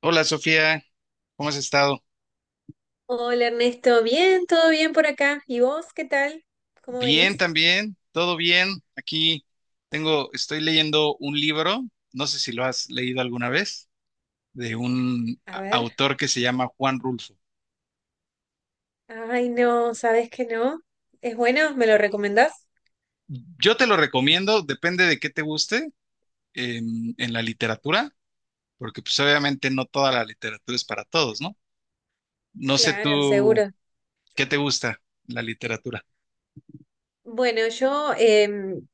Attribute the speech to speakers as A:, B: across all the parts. A: Hola Sofía, ¿cómo has estado?
B: Hola Ernesto, bien, todo bien por acá. ¿Y vos qué tal? ¿Cómo
A: Bien
B: venís?
A: también, todo bien. Aquí tengo, estoy leyendo un libro, no sé si lo has leído alguna vez, de un
B: A ver.
A: autor que se llama Juan Rulfo.
B: Ay, no, ¿sabés que no? ¿Es bueno? ¿Me lo recomendás?
A: Yo te lo recomiendo, depende de qué te guste en la literatura, porque pues obviamente no toda la literatura es para todos, ¿no? No sé
B: Claro,
A: tú,
B: seguro.
A: ¿qué te gusta la literatura?
B: Bueno, yo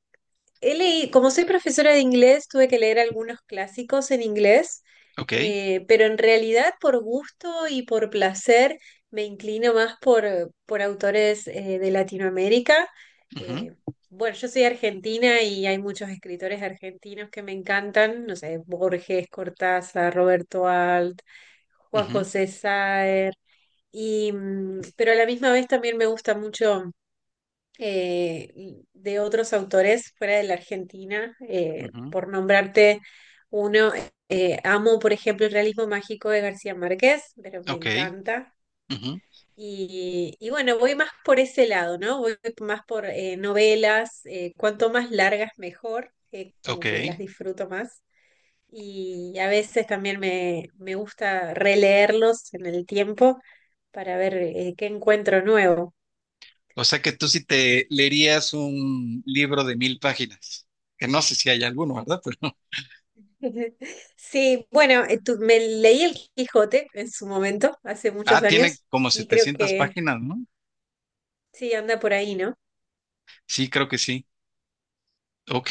B: Como soy profesora de inglés, tuve que leer algunos clásicos en inglés,
A: Ok.
B: pero en realidad por gusto y por placer me inclino más por autores de Latinoamérica.
A: Ujú.
B: Eh, bueno, yo soy argentina y hay muchos escritores argentinos que me encantan, no sé, Borges, Cortázar, Roberto Alt, Juan
A: Ujú.
B: José Saer, y, pero a la misma vez también me gusta mucho de otros autores fuera de la Argentina,
A: Ujú.
B: por nombrarte uno, amo, por ejemplo, el realismo mágico de García Márquez, pero me
A: Ok.
B: encanta.
A: Ujú.
B: Y bueno, voy más por ese lado, ¿no? Voy más por novelas, cuanto más largas mejor,
A: Ok.
B: como que las disfruto más. Y a veces también me gusta releerlos en el tiempo para ver qué encuentro nuevo.
A: O sea que tú sí te leerías un libro de mil páginas, que no sé si hay alguno, ¿verdad? Pero,
B: Sí, bueno, me leí el Quijote en su momento, hace muchos
A: ah, tiene
B: años,
A: como
B: y creo
A: 700
B: que
A: páginas, ¿no?
B: sí, anda por ahí, ¿no?
A: Sí, creo que sí. Ok,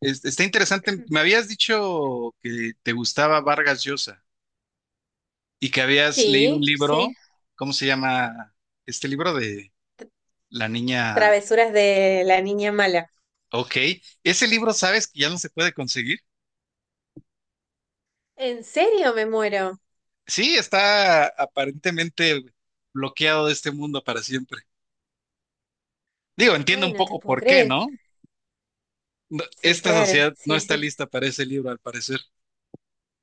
A: está interesante. Me habías dicho que te gustaba Vargas Llosa y que habías leído un
B: Sí, sí.
A: libro, ¿cómo se llama? Este libro de la niña.
B: Travesuras de la niña mala.
A: Ok, ese libro, ¿sabes que ya no se puede conseguir?
B: ¿En serio me muero?
A: Sí, está aparentemente bloqueado de este mundo para siempre. Digo, entiendo
B: Ay,
A: un
B: no te
A: poco
B: puedo
A: por qué,
B: creer.
A: ¿no? No,
B: Sí,
A: esta
B: claro,
A: sociedad no
B: sí,
A: está
B: sí.
A: lista para ese libro, al parecer.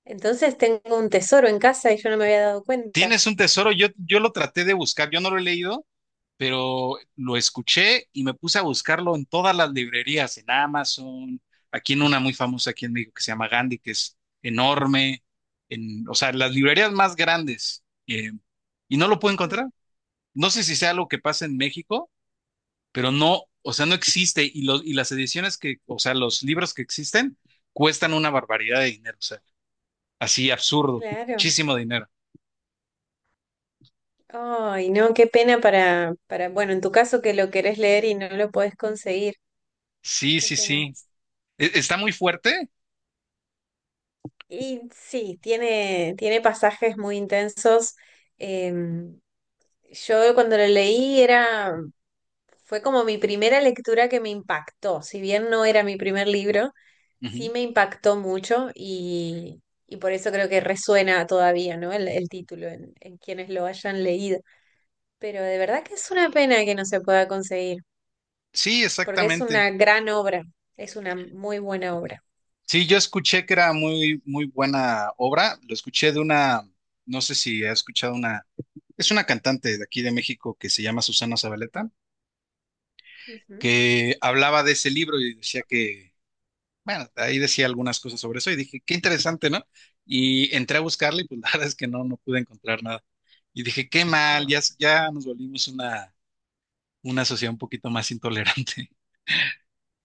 B: Entonces tengo un tesoro en casa y yo no me había dado cuenta.
A: Tienes un tesoro, yo lo traté de buscar, yo no lo he leído, pero lo escuché y me puse a buscarlo en todas las librerías, en Amazon, aquí en una muy famosa aquí en México que se llama Gandhi, que es enorme, en, o sea, las librerías más grandes, y no lo puedo
B: Ujú.
A: encontrar. No sé si sea algo que pasa en México, pero no, o sea, no existe, y, los y las ediciones que, o sea, los libros que existen cuestan una barbaridad de dinero. Así absurdo,
B: Claro.
A: muchísimo dinero.
B: Ay, no, qué pena para, bueno, en tu caso que lo querés leer y no lo podés conseguir.
A: Sí,
B: Qué
A: sí,
B: pena.
A: sí. ¿Está muy fuerte?
B: Y sí, tiene, tiene pasajes muy intensos. Em, yo cuando lo leí era, fue como mi primera lectura que me impactó. Si bien no era mi primer libro, sí
A: Ujú.
B: me impactó mucho y por eso creo que resuena todavía, ¿no? El título en quienes lo hayan leído. Pero de verdad que es una pena que no se pueda conseguir,
A: Sí,
B: porque es
A: exactamente.
B: una gran obra, es una muy buena obra.
A: Sí, yo escuché que era muy, muy buena obra. Lo escuché de una, no sé si ha escuchado una, es una cantante de aquí de México que se llama Susana Zabaleta,
B: Ujú.
A: que hablaba de ese libro y decía que, bueno, ahí decía algunas cosas sobre eso y dije, qué interesante, ¿no? Y entré a buscarle y pues la verdad es que no pude encontrar nada. Y dije, qué mal, ya, ya nos volvimos una sociedad un poquito más intolerante.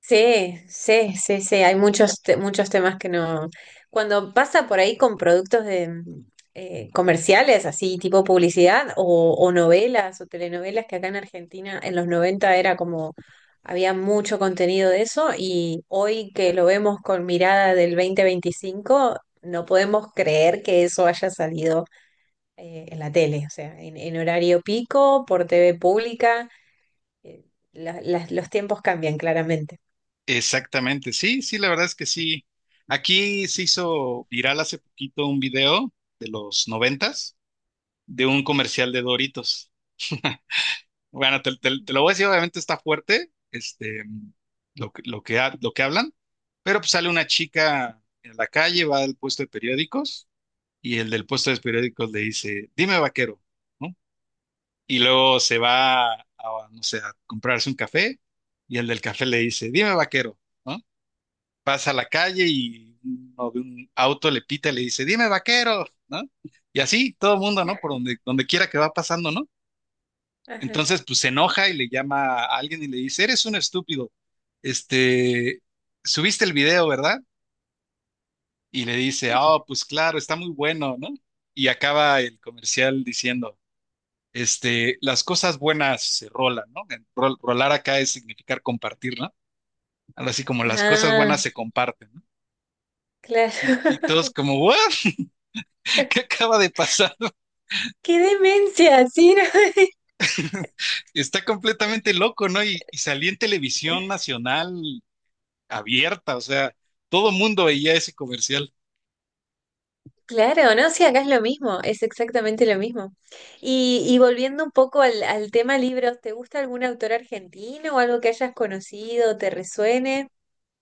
B: Sí, sí, sí, sí, hay muchos, muchos temas que no. Cuando pasa por ahí con productos de, comerciales, así tipo publicidad, o novelas o telenovelas, que acá en Argentina en los 90 era como, había mucho contenido de eso, y hoy que lo vemos con mirada del 2025 no podemos creer que eso haya salido en la tele, o sea, en horario pico, por TV pública, eh, los tiempos cambian claramente.
A: Exactamente, sí, sí, la verdad es que sí. Aquí se hizo viral hace poquito un video de los noventas de un comercial de Doritos. Bueno, te lo voy a decir, obviamente está fuerte, este, lo que hablan, pero pues sale una chica en la calle, va al puesto de periódicos y el del puesto de periódicos le dice, dime vaquero, ¿no? Y luego se va a, no sé, a comprarse un café y el del café le dice, dime vaquero, ¿no? Pasa a la calle y uno de un auto le pita y le dice, dime vaquero, ¿no? Y así todo el mundo, ¿no? Por donde quiera que va pasando, ¿no?
B: Ajá.
A: Entonces, pues se enoja y le llama a alguien y le dice, eres un estúpido, este, subiste el video, ¿verdad? Y le dice, oh, pues claro, está muy bueno, ¿no? Y acaba el comercial diciendo, este, las cosas buenas se rolan, ¿no? En rolar acá es significar compartir, ¿no? Algo así como las cosas
B: Ah,
A: buenas se comparten, ¿no?
B: claro.
A: Y todos como, ¿what? ¿Qué acaba de pasar?
B: ¡Qué demencia! Sí, no,
A: Está completamente loco, ¿no? Y salía en televisión nacional abierta, o sea, todo mundo veía ese comercial.
B: Claro, no, sí, acá es lo mismo, es exactamente lo mismo. Y volviendo un poco al tema libros, ¿te gusta algún autor argentino o algo que hayas conocido, te resuene?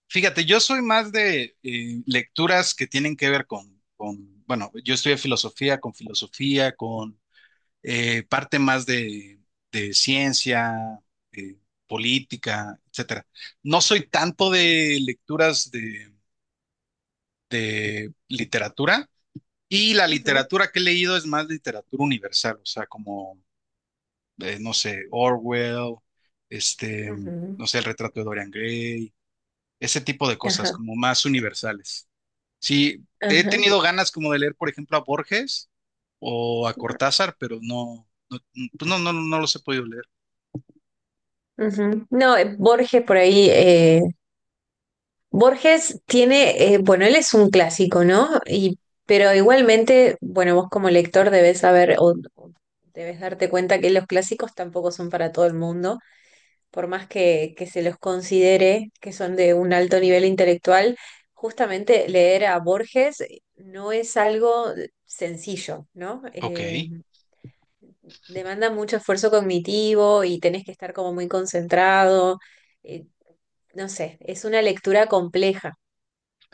A: Fíjate, yo soy más de lecturas que tienen que ver bueno, yo estudié filosofía, con parte más de ciencia, eh, política, etcétera. No soy tanto
B: Ujú,
A: de lecturas de literatura. Y la
B: ujú,
A: literatura que he leído es más literatura universal, o sea, como no sé, Orwell, este,
B: ujú.
A: no sé, el retrato de Dorian Gray, ese tipo de cosas
B: Ajá,
A: como más universales. Sí, he
B: ajá.
A: tenido ganas como de leer, por ejemplo, a Borges o a Cortázar, pero no, pues no, no los he podido leer.
B: Ujú. No, Borges por ahí, Borges tiene, bueno, él es un clásico, ¿no? Pero igualmente, bueno, vos como lector debes saber o debes darte cuenta que los clásicos tampoco son para todo el mundo, por más que se los considere que son de un alto nivel intelectual, justamente leer a Borges no es algo sencillo, ¿no?
A: Ok.
B: Demanda mucho esfuerzo cognitivo y tenés que estar como muy concentrado. eh, no sé, es una lectura compleja.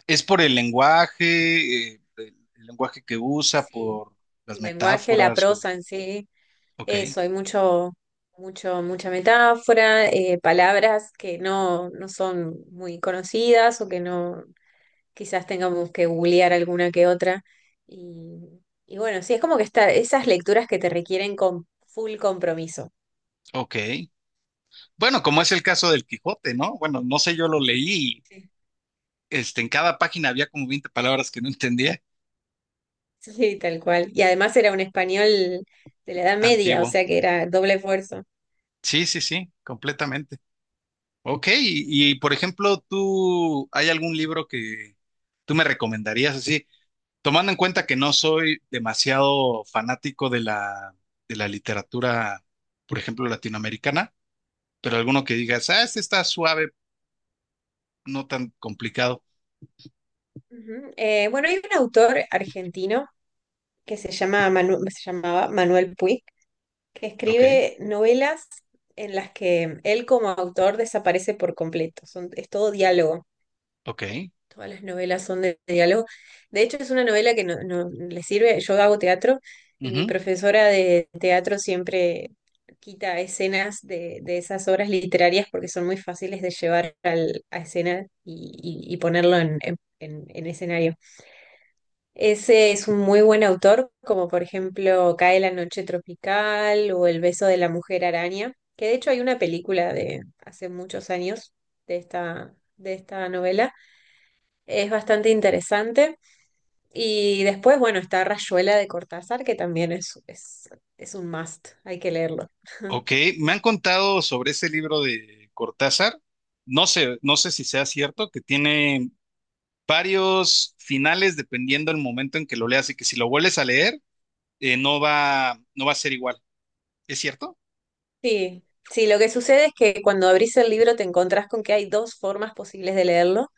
A: ¿Es por el lenguaje, el lenguaje que usa,
B: Sí,
A: por las
B: el lenguaje, la
A: metáforas o...
B: prosa en sí,
A: Ok,
B: eso, hay mucha metáfora, palabras que no son muy conocidas o que no, quizás tengamos que googlear alguna que otra. Y, y bueno, sí, es como que está, esas lecturas que te requieren con full compromiso.
A: ok. Bueno, como es el caso del Quijote, ¿no? Bueno, no sé, yo lo leí, y,
B: Sí.
A: este, en cada página había como 20 palabras que no entendía.
B: Sí, tal cual. Y además era un español de la Edad Media, o
A: Antiguo.
B: sea que era doble esfuerzo.
A: Sí, sí, sí, completamente. Ok,
B: Ujú,
A: y, por ejemplo, ¿tú hay algún libro que tú me recomendarías así? Tomando en cuenta que no soy demasiado fanático de la literatura, por ejemplo, latinoamericana, pero alguno que
B: ujú,
A: digas, ah, este está suave, no tan complicado.
B: ujú. Bueno, hay un autor argentino que se llama se llamaba Manuel Puig, que
A: Ok,
B: escribe novelas en las que él como autor desaparece por completo. Son, es todo diálogo.
A: ok,
B: Todas las novelas son de diálogo. De hecho, es una novela que no le sirve. Yo hago teatro y mi
A: ujú,
B: profesora de teatro siempre quita escenas de esas obras literarias porque son muy fáciles de llevar a escena y, y ponerlo en, en escenario. Ese es un muy buen autor, como por ejemplo Cae la noche tropical o El beso de la mujer araña, que de hecho hay una película de hace muchos años de esta novela. Es bastante interesante. Y después, bueno, está Rayuela de Cortázar, que también es un must, hay que leerlo.
A: ok. Me han contado sobre ese libro de Cortázar. No sé, no sé si sea cierto, que tiene varios finales dependiendo del momento en que lo leas y que si lo vuelves a leer, no va a ser igual. ¿Es cierto?
B: Sí, sí, lo que sucede es que cuando abrís el libro te encontrás con que hay dos formas posibles de leerlo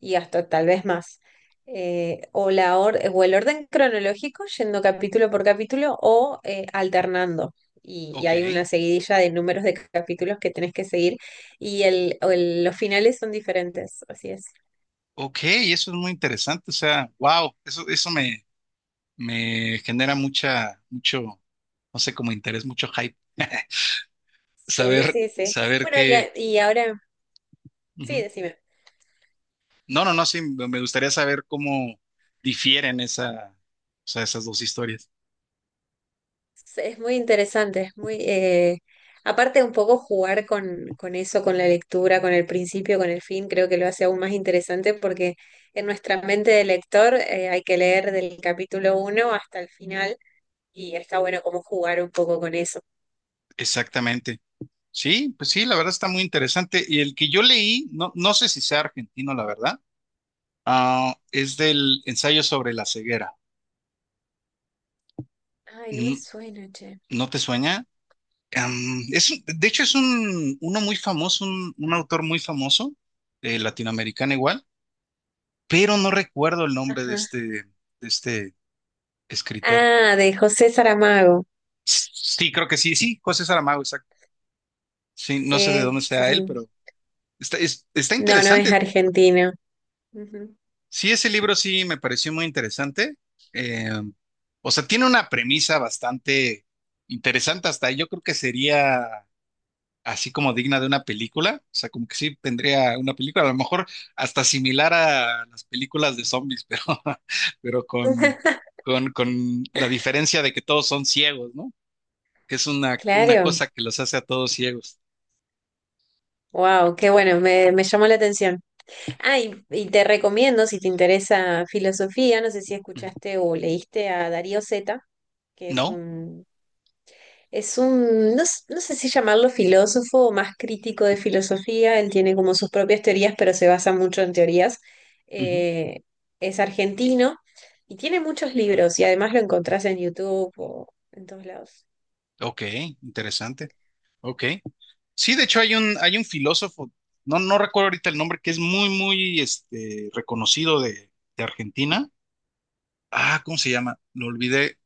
B: y hasta tal vez más. O el orden cronológico, yendo capítulo por capítulo, o alternando. Y
A: Ok,
B: hay una seguidilla de números de capítulos que tenés que seguir y los finales son diferentes, así es.
A: ok, eso es muy interesante. O sea, wow, eso me, genera mucha, mucho, no sé, como interés, mucho hype.
B: Sí,
A: Saber,
B: sí, sí.
A: saber
B: Bueno, y,
A: qué.
B: a- y ahora, sí,
A: Ujú.
B: decime.
A: No, no, no, sí, me gustaría saber cómo difieren esa, o sea, esas dos historias.
B: Sí, es muy interesante, es muy, aparte un poco jugar con eso, con la lectura, con el principio, con el fin, creo que lo hace aún más interesante porque en nuestra mente de lector hay que leer del capítulo uno hasta el final y está bueno como jugar un poco con eso.
A: Exactamente. Sí, pues sí, la verdad está muy interesante. Y el que yo leí, no, no sé si sea argentino, la verdad. Ah, es del ensayo sobre la ceguera.
B: Ay, no
A: Mm.
B: me suena, che.
A: ¿No te sueña? Es, de hecho, es un, uno muy famoso, un autor muy famoso, latinoamericano igual, pero no recuerdo el nombre
B: Ajá.
A: de este escritor.
B: Ah, de José Saramago.
A: Sí, creo que sí, sí, José Saramago, exacto. Sí, no sé de dónde
B: Sí, sí,
A: sea él,
B: sí.
A: pero está
B: No, no es
A: interesante.
B: argentino. Ujú.
A: Sí, ese libro sí me pareció muy interesante. Eh, o sea, tiene una premisa bastante interesante, hasta yo creo que sería así como digna de una película, o sea, como que sí tendría una película, a lo mejor hasta similar a las películas de zombies, pero con, con, con la diferencia de que todos son ciegos, ¿no? Que es una
B: Claro.
A: cosa que los hace a todos ciegos.
B: Wow, qué bueno, me llamó la atención. Ah, y te recomiendo, si te interesa filosofía, no sé si
A: Ujú.
B: escuchaste o leíste a Darío Zeta, que
A: ¿No?
B: no, no sé si llamarlo filósofo o más crítico de filosofía, él tiene como sus propias teorías, pero se basa mucho en teorías.
A: Ujú.
B: Eh, es argentino y tiene muchos libros y además lo encontrás en YouTube o en todos lados.
A: Ok, interesante. Ok. Sí, de hecho hay un filósofo, no, no recuerdo ahorita el nombre, que es muy, muy este, reconocido de Argentina. Ah, ¿cómo se llama? Lo olvidé.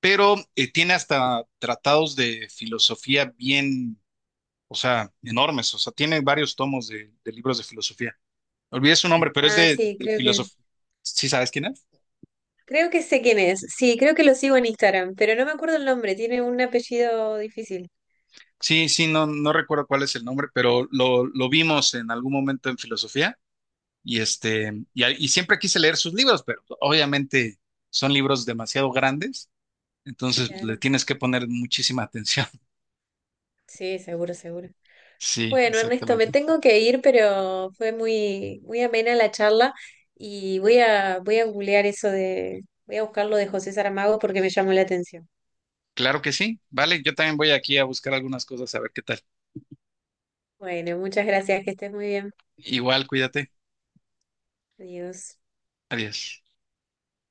A: Pero tiene hasta tratados de filosofía bien, o sea, enormes, o sea, tiene varios tomos de libros de filosofía. Olvidé su nombre, pero es
B: Ah,
A: de,
B: sí,
A: de
B: creo que,
A: filosofía. ¿Sí sabes quién es?
B: creo que sé quién es. Sí, creo que lo sigo en Instagram, pero no me acuerdo el nombre, tiene un apellido difícil.
A: Sí, sí, no, no recuerdo cuál es el nombre, pero lo vimos en algún momento en filosofía y este, y siempre quise leer sus libros, pero obviamente son libros demasiado grandes, entonces pues, le
B: Claro.
A: tienes que poner muchísima atención.
B: Sí, seguro, seguro.
A: Sí,
B: Bueno, Ernesto, me
A: exactamente.
B: tengo que ir, pero fue muy, muy amena la charla y voy a googlear voy a buscar lo de José Saramago porque me llamó la atención.
A: Claro que sí. Vale, yo también voy aquí a buscar algunas cosas a ver qué tal.
B: Bueno, muchas gracias, que estés muy bien.
A: Igual, cuídate.
B: Adiós.
A: Adiós.